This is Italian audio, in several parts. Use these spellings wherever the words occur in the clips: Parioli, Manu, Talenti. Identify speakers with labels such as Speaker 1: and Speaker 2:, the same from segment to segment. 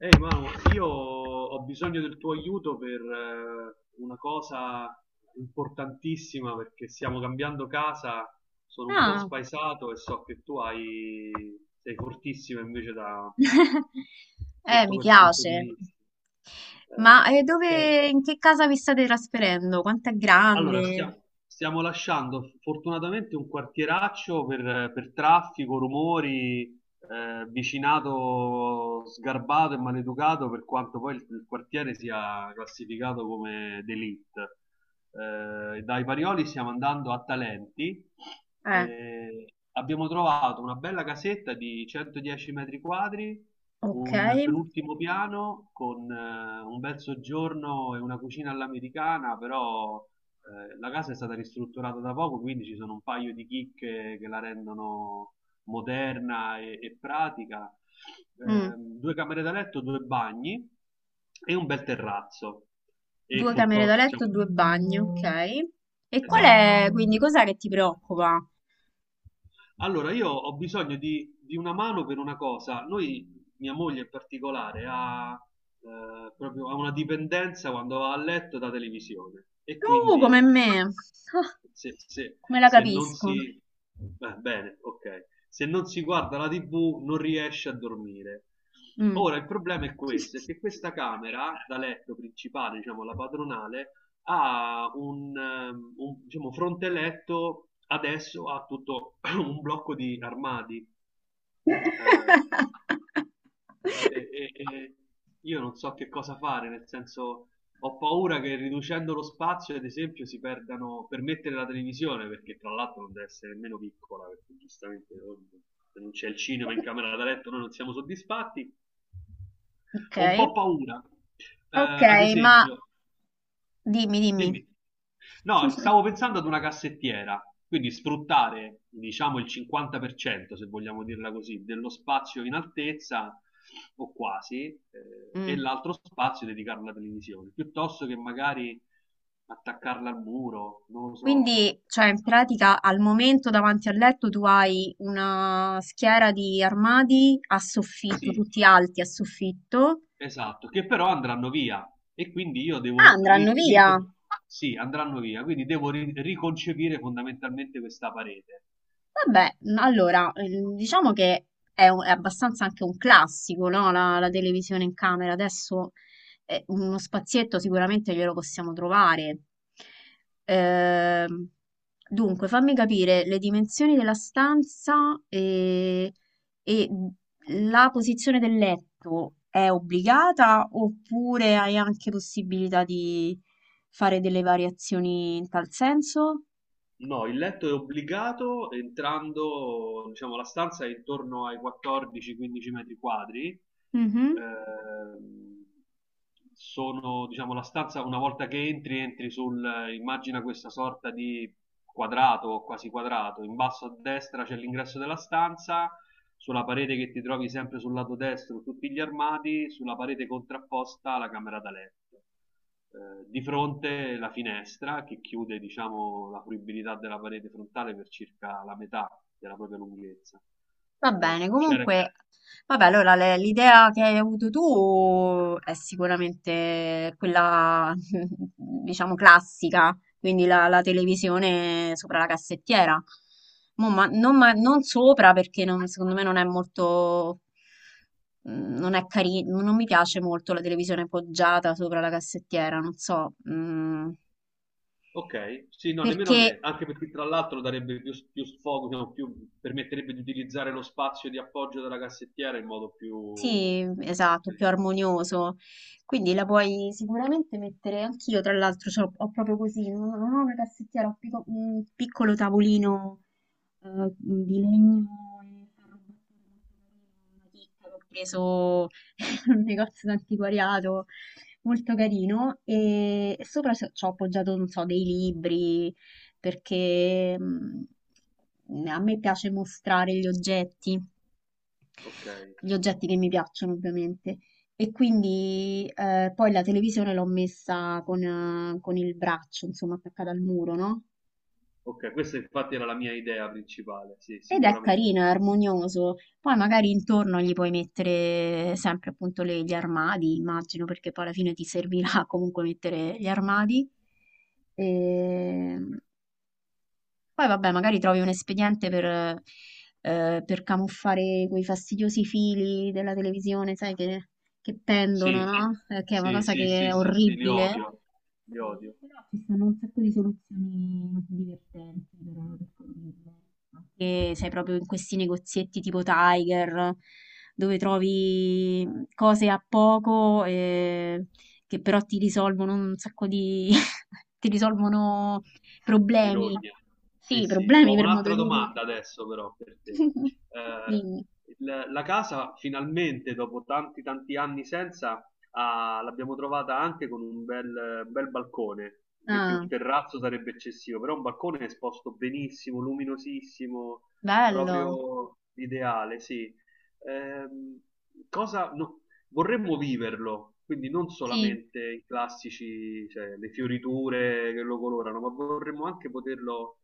Speaker 1: Ehi Manu, io ho bisogno del tuo aiuto per una cosa importantissima perché stiamo cambiando casa. Sono un po'
Speaker 2: Ah,
Speaker 1: spaesato e so che tu sei fortissimo invece sotto
Speaker 2: mi
Speaker 1: quel punto di
Speaker 2: piace.
Speaker 1: vista.
Speaker 2: Ma
Speaker 1: Eh, eh,
Speaker 2: dove, in che casa vi state trasferendo? Quanto è
Speaker 1: allora,
Speaker 2: grande?
Speaker 1: stiamo lasciando fortunatamente un quartieraccio per traffico, rumori, vicinato sgarbato e maleducato, per quanto poi il quartiere sia classificato come d'élite. Dai Parioli stiamo andando a Talenti.
Speaker 2: Eh,
Speaker 1: eh, abbiamo trovato una bella casetta di 110 metri quadri,
Speaker 2: ok.
Speaker 1: un penultimo piano con un bel soggiorno e una cucina all'americana. Però la casa è stata ristrutturata da poco, quindi ci sono un paio di chicche che la rendono moderna e pratica.
Speaker 2: Mm.
Speaker 1: Due camere da letto, due bagni e un bel terrazzo. E
Speaker 2: Due camere da letto, due bagni, ok.
Speaker 1: diciamo,
Speaker 2: E qual
Speaker 1: esatto.
Speaker 2: è, quindi, cos'è che ti preoccupa?
Speaker 1: Allora, io ho bisogno di una mano per una cosa. Noi, mia moglie in particolare, proprio, ha una dipendenza quando va a letto da televisione, e
Speaker 2: Come
Speaker 1: quindi
Speaker 2: me. Ah, come la
Speaker 1: se non si...
Speaker 2: capisco.
Speaker 1: Beh, bene, ok. Se non si guarda la TV non riesce a dormire.
Speaker 2: Mm.
Speaker 1: Ora, il problema è questo, è che questa camera da letto principale, diciamo la padronale, ha diciamo, fronte letto adesso a tutto un blocco di armadi, eh, e io non so che cosa fare, nel senso ho paura che riducendo lo spazio, ad esempio, si perdano per mettere la televisione, perché tra l'altro non deve essere nemmeno piccola, perché giustamente oh, se non c'è il cinema in camera da letto noi non siamo soddisfatti.
Speaker 2: Ok,
Speaker 1: Ho un po' paura, eh,
Speaker 2: ok,
Speaker 1: ad
Speaker 2: ma
Speaker 1: esempio,
Speaker 2: dimmi, dimmi.
Speaker 1: dimmi. No, stavo pensando ad una cassettiera, quindi sfruttare, diciamo, il 50%, se vogliamo dirla così, dello spazio in altezza o quasi, e
Speaker 2: Mm.
Speaker 1: l'altro spazio dedicarlo alla televisione, piuttosto che magari attaccarla al muro, non lo so.
Speaker 2: Quindi, cioè, in pratica al momento davanti al letto tu hai una schiera di armadi a soffitto,
Speaker 1: Sì,
Speaker 2: tutti alti a soffitto.
Speaker 1: esatto, che però andranno via e quindi io
Speaker 2: Ah,
Speaker 1: devo
Speaker 2: andranno via!
Speaker 1: sì, andranno via, quindi devo riconcepire fondamentalmente questa parete.
Speaker 2: Vabbè, allora, diciamo che è, è abbastanza anche un classico, no? La televisione in camera. Adesso uno spazietto sicuramente glielo possiamo trovare. Ehm, dunque, fammi capire le dimensioni della stanza e la posizione del letto è obbligata oppure hai anche possibilità di fare delle variazioni in tal senso?
Speaker 1: No, il letto è obbligato entrando, diciamo, la stanza è intorno ai 14-15 metri quadri.
Speaker 2: Mhm.
Speaker 1: Ehm, sono, diciamo, la stanza, una volta che entri, entri, immagina questa sorta di quadrato, quasi quadrato. In basso a destra c'è l'ingresso della stanza, sulla parete che ti trovi sempre sul lato destro tutti gli armadi, sulla parete contrapposta la camera da letto, di fronte la finestra che chiude, diciamo, la fruibilità della parete frontale per circa la metà della propria lunghezza.
Speaker 2: Va bene,
Speaker 1: Eh, c'era-
Speaker 2: comunque, vabbè, allora l'idea che hai avuto tu è sicuramente quella, diciamo, classica, quindi la televisione sopra la cassettiera. Non, non sopra perché secondo me non è molto, non è carino, non mi piace molto la televisione poggiata sopra la cassettiera, non so,
Speaker 1: Ok, sì, no, nemmeno a
Speaker 2: perché
Speaker 1: me, anche perché tra l'altro darebbe più sfogo, diciamo, permetterebbe di utilizzare lo spazio di appoggio della cassettiera in modo più
Speaker 2: sì, esatto, più
Speaker 1: intelligente.
Speaker 2: armonioso. Quindi la puoi sicuramente mettere anch'io, tra l'altro, ho proprio così, non ho una cassettiera, ho un piccolo tavolino di legno e ferro battuto molto carino, una chicca che ho preso in un negozio d'antiquariato, molto carino, e sopra ci ho appoggiato, non so, dei libri, perché a me piace mostrare gli oggetti.
Speaker 1: Ok,
Speaker 2: Gli oggetti che mi piacciono, ovviamente. E quindi poi la televisione l'ho messa con il braccio, insomma, attaccata al muro, no?
Speaker 1: ok, questa infatti era la mia idea principale, sì,
Speaker 2: Ed è
Speaker 1: sicuramente.
Speaker 2: carino, è armonioso. Poi magari intorno gli puoi mettere sempre appunto gli armadi, immagino, perché poi alla fine ti servirà comunque mettere gli armadi. E poi vabbè, magari trovi un espediente per camuffare quei fastidiosi fili della televisione, sai, che pendono,
Speaker 1: Sì,
Speaker 2: no? Che è una
Speaker 1: sì,
Speaker 2: cosa
Speaker 1: sì,
Speaker 2: che
Speaker 1: sì,
Speaker 2: è
Speaker 1: sì, sì, li
Speaker 2: orribile.
Speaker 1: odio, li
Speaker 2: Sì,
Speaker 1: odio.
Speaker 2: però ci stanno un sacco di soluzioni divertenti per condividere. Anche, sai, proprio in questi negozietti tipo Tiger, dove trovi cose a poco che però ti risolvono un sacco diti risolvono problemi.
Speaker 1: Birogna. Sì,
Speaker 2: Sì,
Speaker 1: sì.
Speaker 2: problemi
Speaker 1: Ho
Speaker 2: per modo
Speaker 1: un'altra
Speaker 2: di dire.
Speaker 1: domanda adesso però per te. Eh,
Speaker 2: Dimmi.
Speaker 1: il- la casa finalmente dopo tanti tanti anni senza l'abbiamo trovata anche con un bel, bel balcone. Dire che un
Speaker 2: Ah,
Speaker 1: terrazzo sarebbe eccessivo, però un balcone esposto benissimo, luminosissimo,
Speaker 2: bello.
Speaker 1: proprio ideale, sì. Ehm, cosa, no- vorremmo viverlo, quindi non
Speaker 2: Sì.
Speaker 1: solamente i classici, cioè le fioriture che lo colorano, ma vorremmo anche poterlo.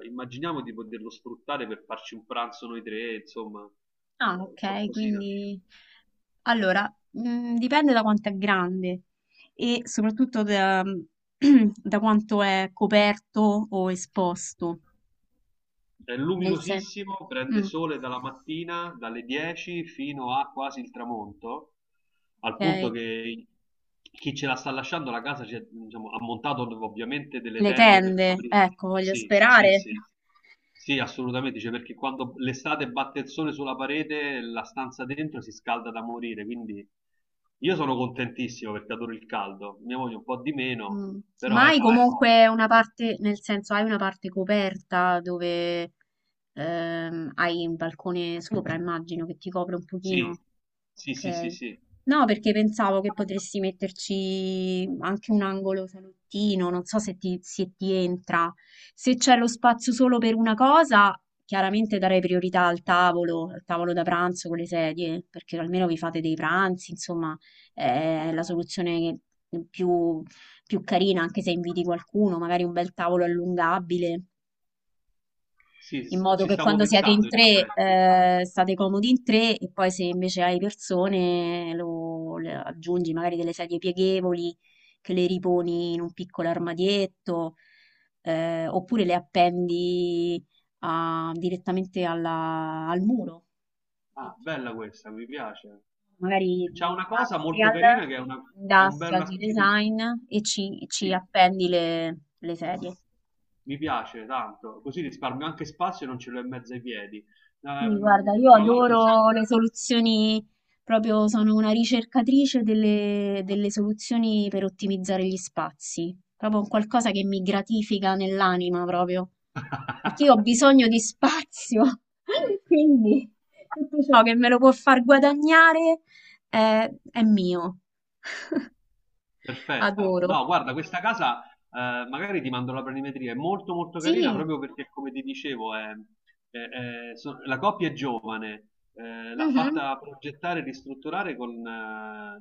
Speaker 1: Immaginiamo di poterlo sfruttare per farci un pranzo noi tre, insomma,
Speaker 2: Ah, ok,
Speaker 1: qualcosina.
Speaker 2: quindi... Allora, mhmm, dipende da quanto è grande e soprattutto da da quanto è coperto o esposto.
Speaker 1: È
Speaker 2: Nel sen
Speaker 1: luminosissimo, prende
Speaker 2: mh,
Speaker 1: sole dalla mattina, dalle 10 fino a quasi il tramonto, al punto
Speaker 2: okay.
Speaker 1: che chi ce la sta lasciando la casa ci ha, diciamo, ha montato ovviamente delle
Speaker 2: Le
Speaker 1: tende per
Speaker 2: tende,
Speaker 1: coprire.
Speaker 2: ecco, voglio
Speaker 1: Sì, sì,
Speaker 2: sperare.
Speaker 1: sì. Sì, assolutamente, cioè, perché quando l'estate batte il sole sulla parete, la stanza dentro si scalda da morire, quindi io sono contentissimo perché adoro il caldo, mia moglie un po' di meno,
Speaker 2: Mh.
Speaker 1: però
Speaker 2: Ma hai
Speaker 1: ecco,
Speaker 2: comunque una parte nel senso, hai una parte coperta dove, hai un balcone sopra, immagino, che ti copre un
Speaker 1: sì,
Speaker 2: pochino?
Speaker 1: sì, sì, sì,
Speaker 2: Ok.
Speaker 1: sì,
Speaker 2: No, perché pensavo che potresti metterci anche un angolo salottino, non so se ti, se ti entra. Se c'è lo spazio solo per una cosa, chiaramente darei priorità al tavolo da pranzo con le sedie, perché almeno vi fate dei pranzi, insomma, è
Speaker 1: ok.
Speaker 2: la soluzione più, più carina, anche se inviti qualcuno, magari un bel tavolo allungabile
Speaker 1: Sì,
Speaker 2: in modo
Speaker 1: ci
Speaker 2: che
Speaker 1: stavo
Speaker 2: quando siete in
Speaker 1: pensando in
Speaker 2: tre,
Speaker 1: effetti.
Speaker 2: state comodi in tre e poi se invece hai persone lo, le aggiungi magari delle sedie pieghevoli che le riponi in un piccolo armadietto, oppure le appendi direttamente al muro.
Speaker 1: Ah,
Speaker 2: Metti
Speaker 1: bella questa, mi piace.
Speaker 2: magari
Speaker 1: C'ha una cosa molto
Speaker 2: industrial,
Speaker 1: carina che è una, è un bel-
Speaker 2: industrial
Speaker 1: una
Speaker 2: di
Speaker 1: specie di...
Speaker 2: design e ci, ci
Speaker 1: Sì,
Speaker 2: appendi le sedie.
Speaker 1: mi piace tanto, così risparmio anche spazio e non ce l'ho in mezzo ai piedi.
Speaker 2: Sì, guarda,
Speaker 1: Ehm,
Speaker 2: io
Speaker 1: tra l'altro...
Speaker 2: adoro le soluzioni, proprio sono una ricercatrice delle, delle soluzioni per ottimizzare gli spazi, proprio un qualcosa che mi gratifica nell'anima proprio, perché io ho bisogno di spazio, quindi tutto ciò che me lo può far guadagnare è mio,
Speaker 1: Perfetto.
Speaker 2: adoro.
Speaker 1: No, guarda, questa casa, magari ti mando la planimetria, è molto molto carina
Speaker 2: Sì,
Speaker 1: proprio perché, come ti dicevo, è- la coppia è giovane, l'ha
Speaker 2: mhm,
Speaker 1: fatta progettare e ristrutturare con, eh,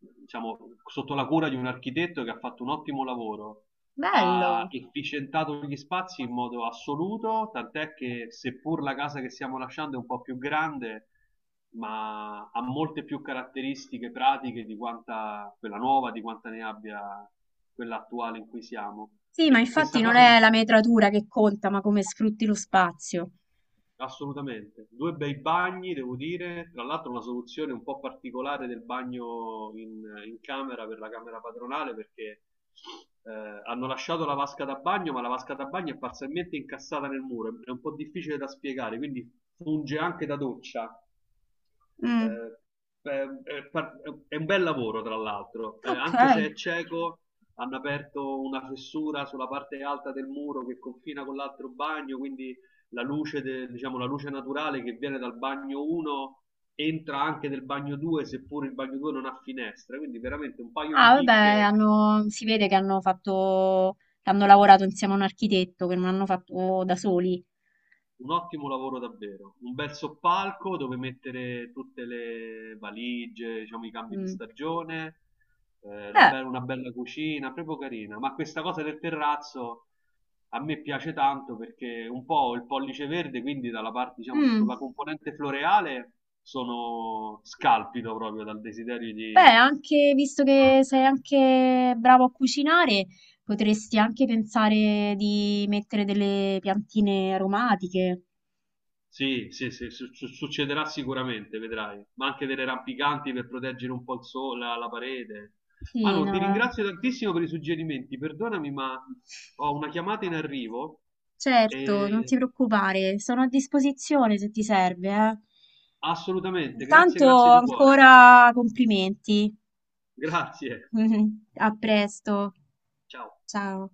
Speaker 1: il- diciamo, sotto la cura di un architetto che ha fatto un ottimo lavoro. Ha
Speaker 2: bello.
Speaker 1: efficientato gli spazi in modo assoluto, tant'è che seppur la casa che stiamo lasciando è un po' più grande, ma ha molte più caratteristiche pratiche di quanta quella nuova, di quanta ne abbia quella attuale in cui siamo.
Speaker 2: Sì, ma
Speaker 1: E questa
Speaker 2: infatti non
Speaker 1: cosa,
Speaker 2: è la metratura che conta, ma come sfrutti lo spazio.
Speaker 1: assolutamente, due bei bagni, devo dire, tra l'altro una soluzione un po' particolare del bagno in camera per la camera padronale, perché hanno lasciato la vasca da bagno, ma la vasca da bagno è parzialmente incassata nel muro, è un po' difficile da spiegare, quindi funge anche da doccia.
Speaker 2: Mm,
Speaker 1: Eh, beh, è un bel lavoro, tra l'altro. Eh,
Speaker 2: ok.
Speaker 1: anche se è cieco, hanno aperto una fessura sulla parte alta del muro che confina con l'altro bagno, quindi la luce, diciamo, la luce naturale che viene dal bagno 1 entra anche nel bagno 2, seppur il bagno 2 non ha finestre, quindi veramente un paio di
Speaker 2: Ah, vabbè,
Speaker 1: chicche.
Speaker 2: hanno- si vede che hanno fatto, che hanno lavorato insieme a un architetto, che non hanno fatto da soli.
Speaker 1: Un ottimo lavoro davvero, un bel soppalco dove mettere tutte le valigie, diciamo i cambi di
Speaker 2: Mm.
Speaker 1: stagione,
Speaker 2: Beh,
Speaker 1: una bella cucina, proprio carina. Ma questa cosa del terrazzo a me piace tanto perché un po' ho il pollice verde, quindi dalla parte, diciamo, sulla
Speaker 2: mm,
Speaker 1: componente floreale sono scalpito proprio dal desiderio
Speaker 2: beh,
Speaker 1: di...
Speaker 2: anche visto che sei anche bravo a cucinare, potresti anche pensare di mettere delle piantine aromatiche.
Speaker 1: Sì, sì, sì, succederà sicuramente, vedrai, ma anche delle rampicanti per proteggere un po' il sole, la parete.
Speaker 2: Sì,
Speaker 1: Manu, ti
Speaker 2: no.
Speaker 1: ringrazio tantissimo per i suggerimenti, perdonami, ma ho una chiamata in arrivo
Speaker 2: Certo, non ti
Speaker 1: e
Speaker 2: preoccupare, sono a disposizione se ti serve, eh.
Speaker 1: assolutamente, grazie,
Speaker 2: Intanto
Speaker 1: grazie di cuore.
Speaker 2: ancora complimenti.
Speaker 1: Grazie,
Speaker 2: A presto,
Speaker 1: ciao.
Speaker 2: ciao.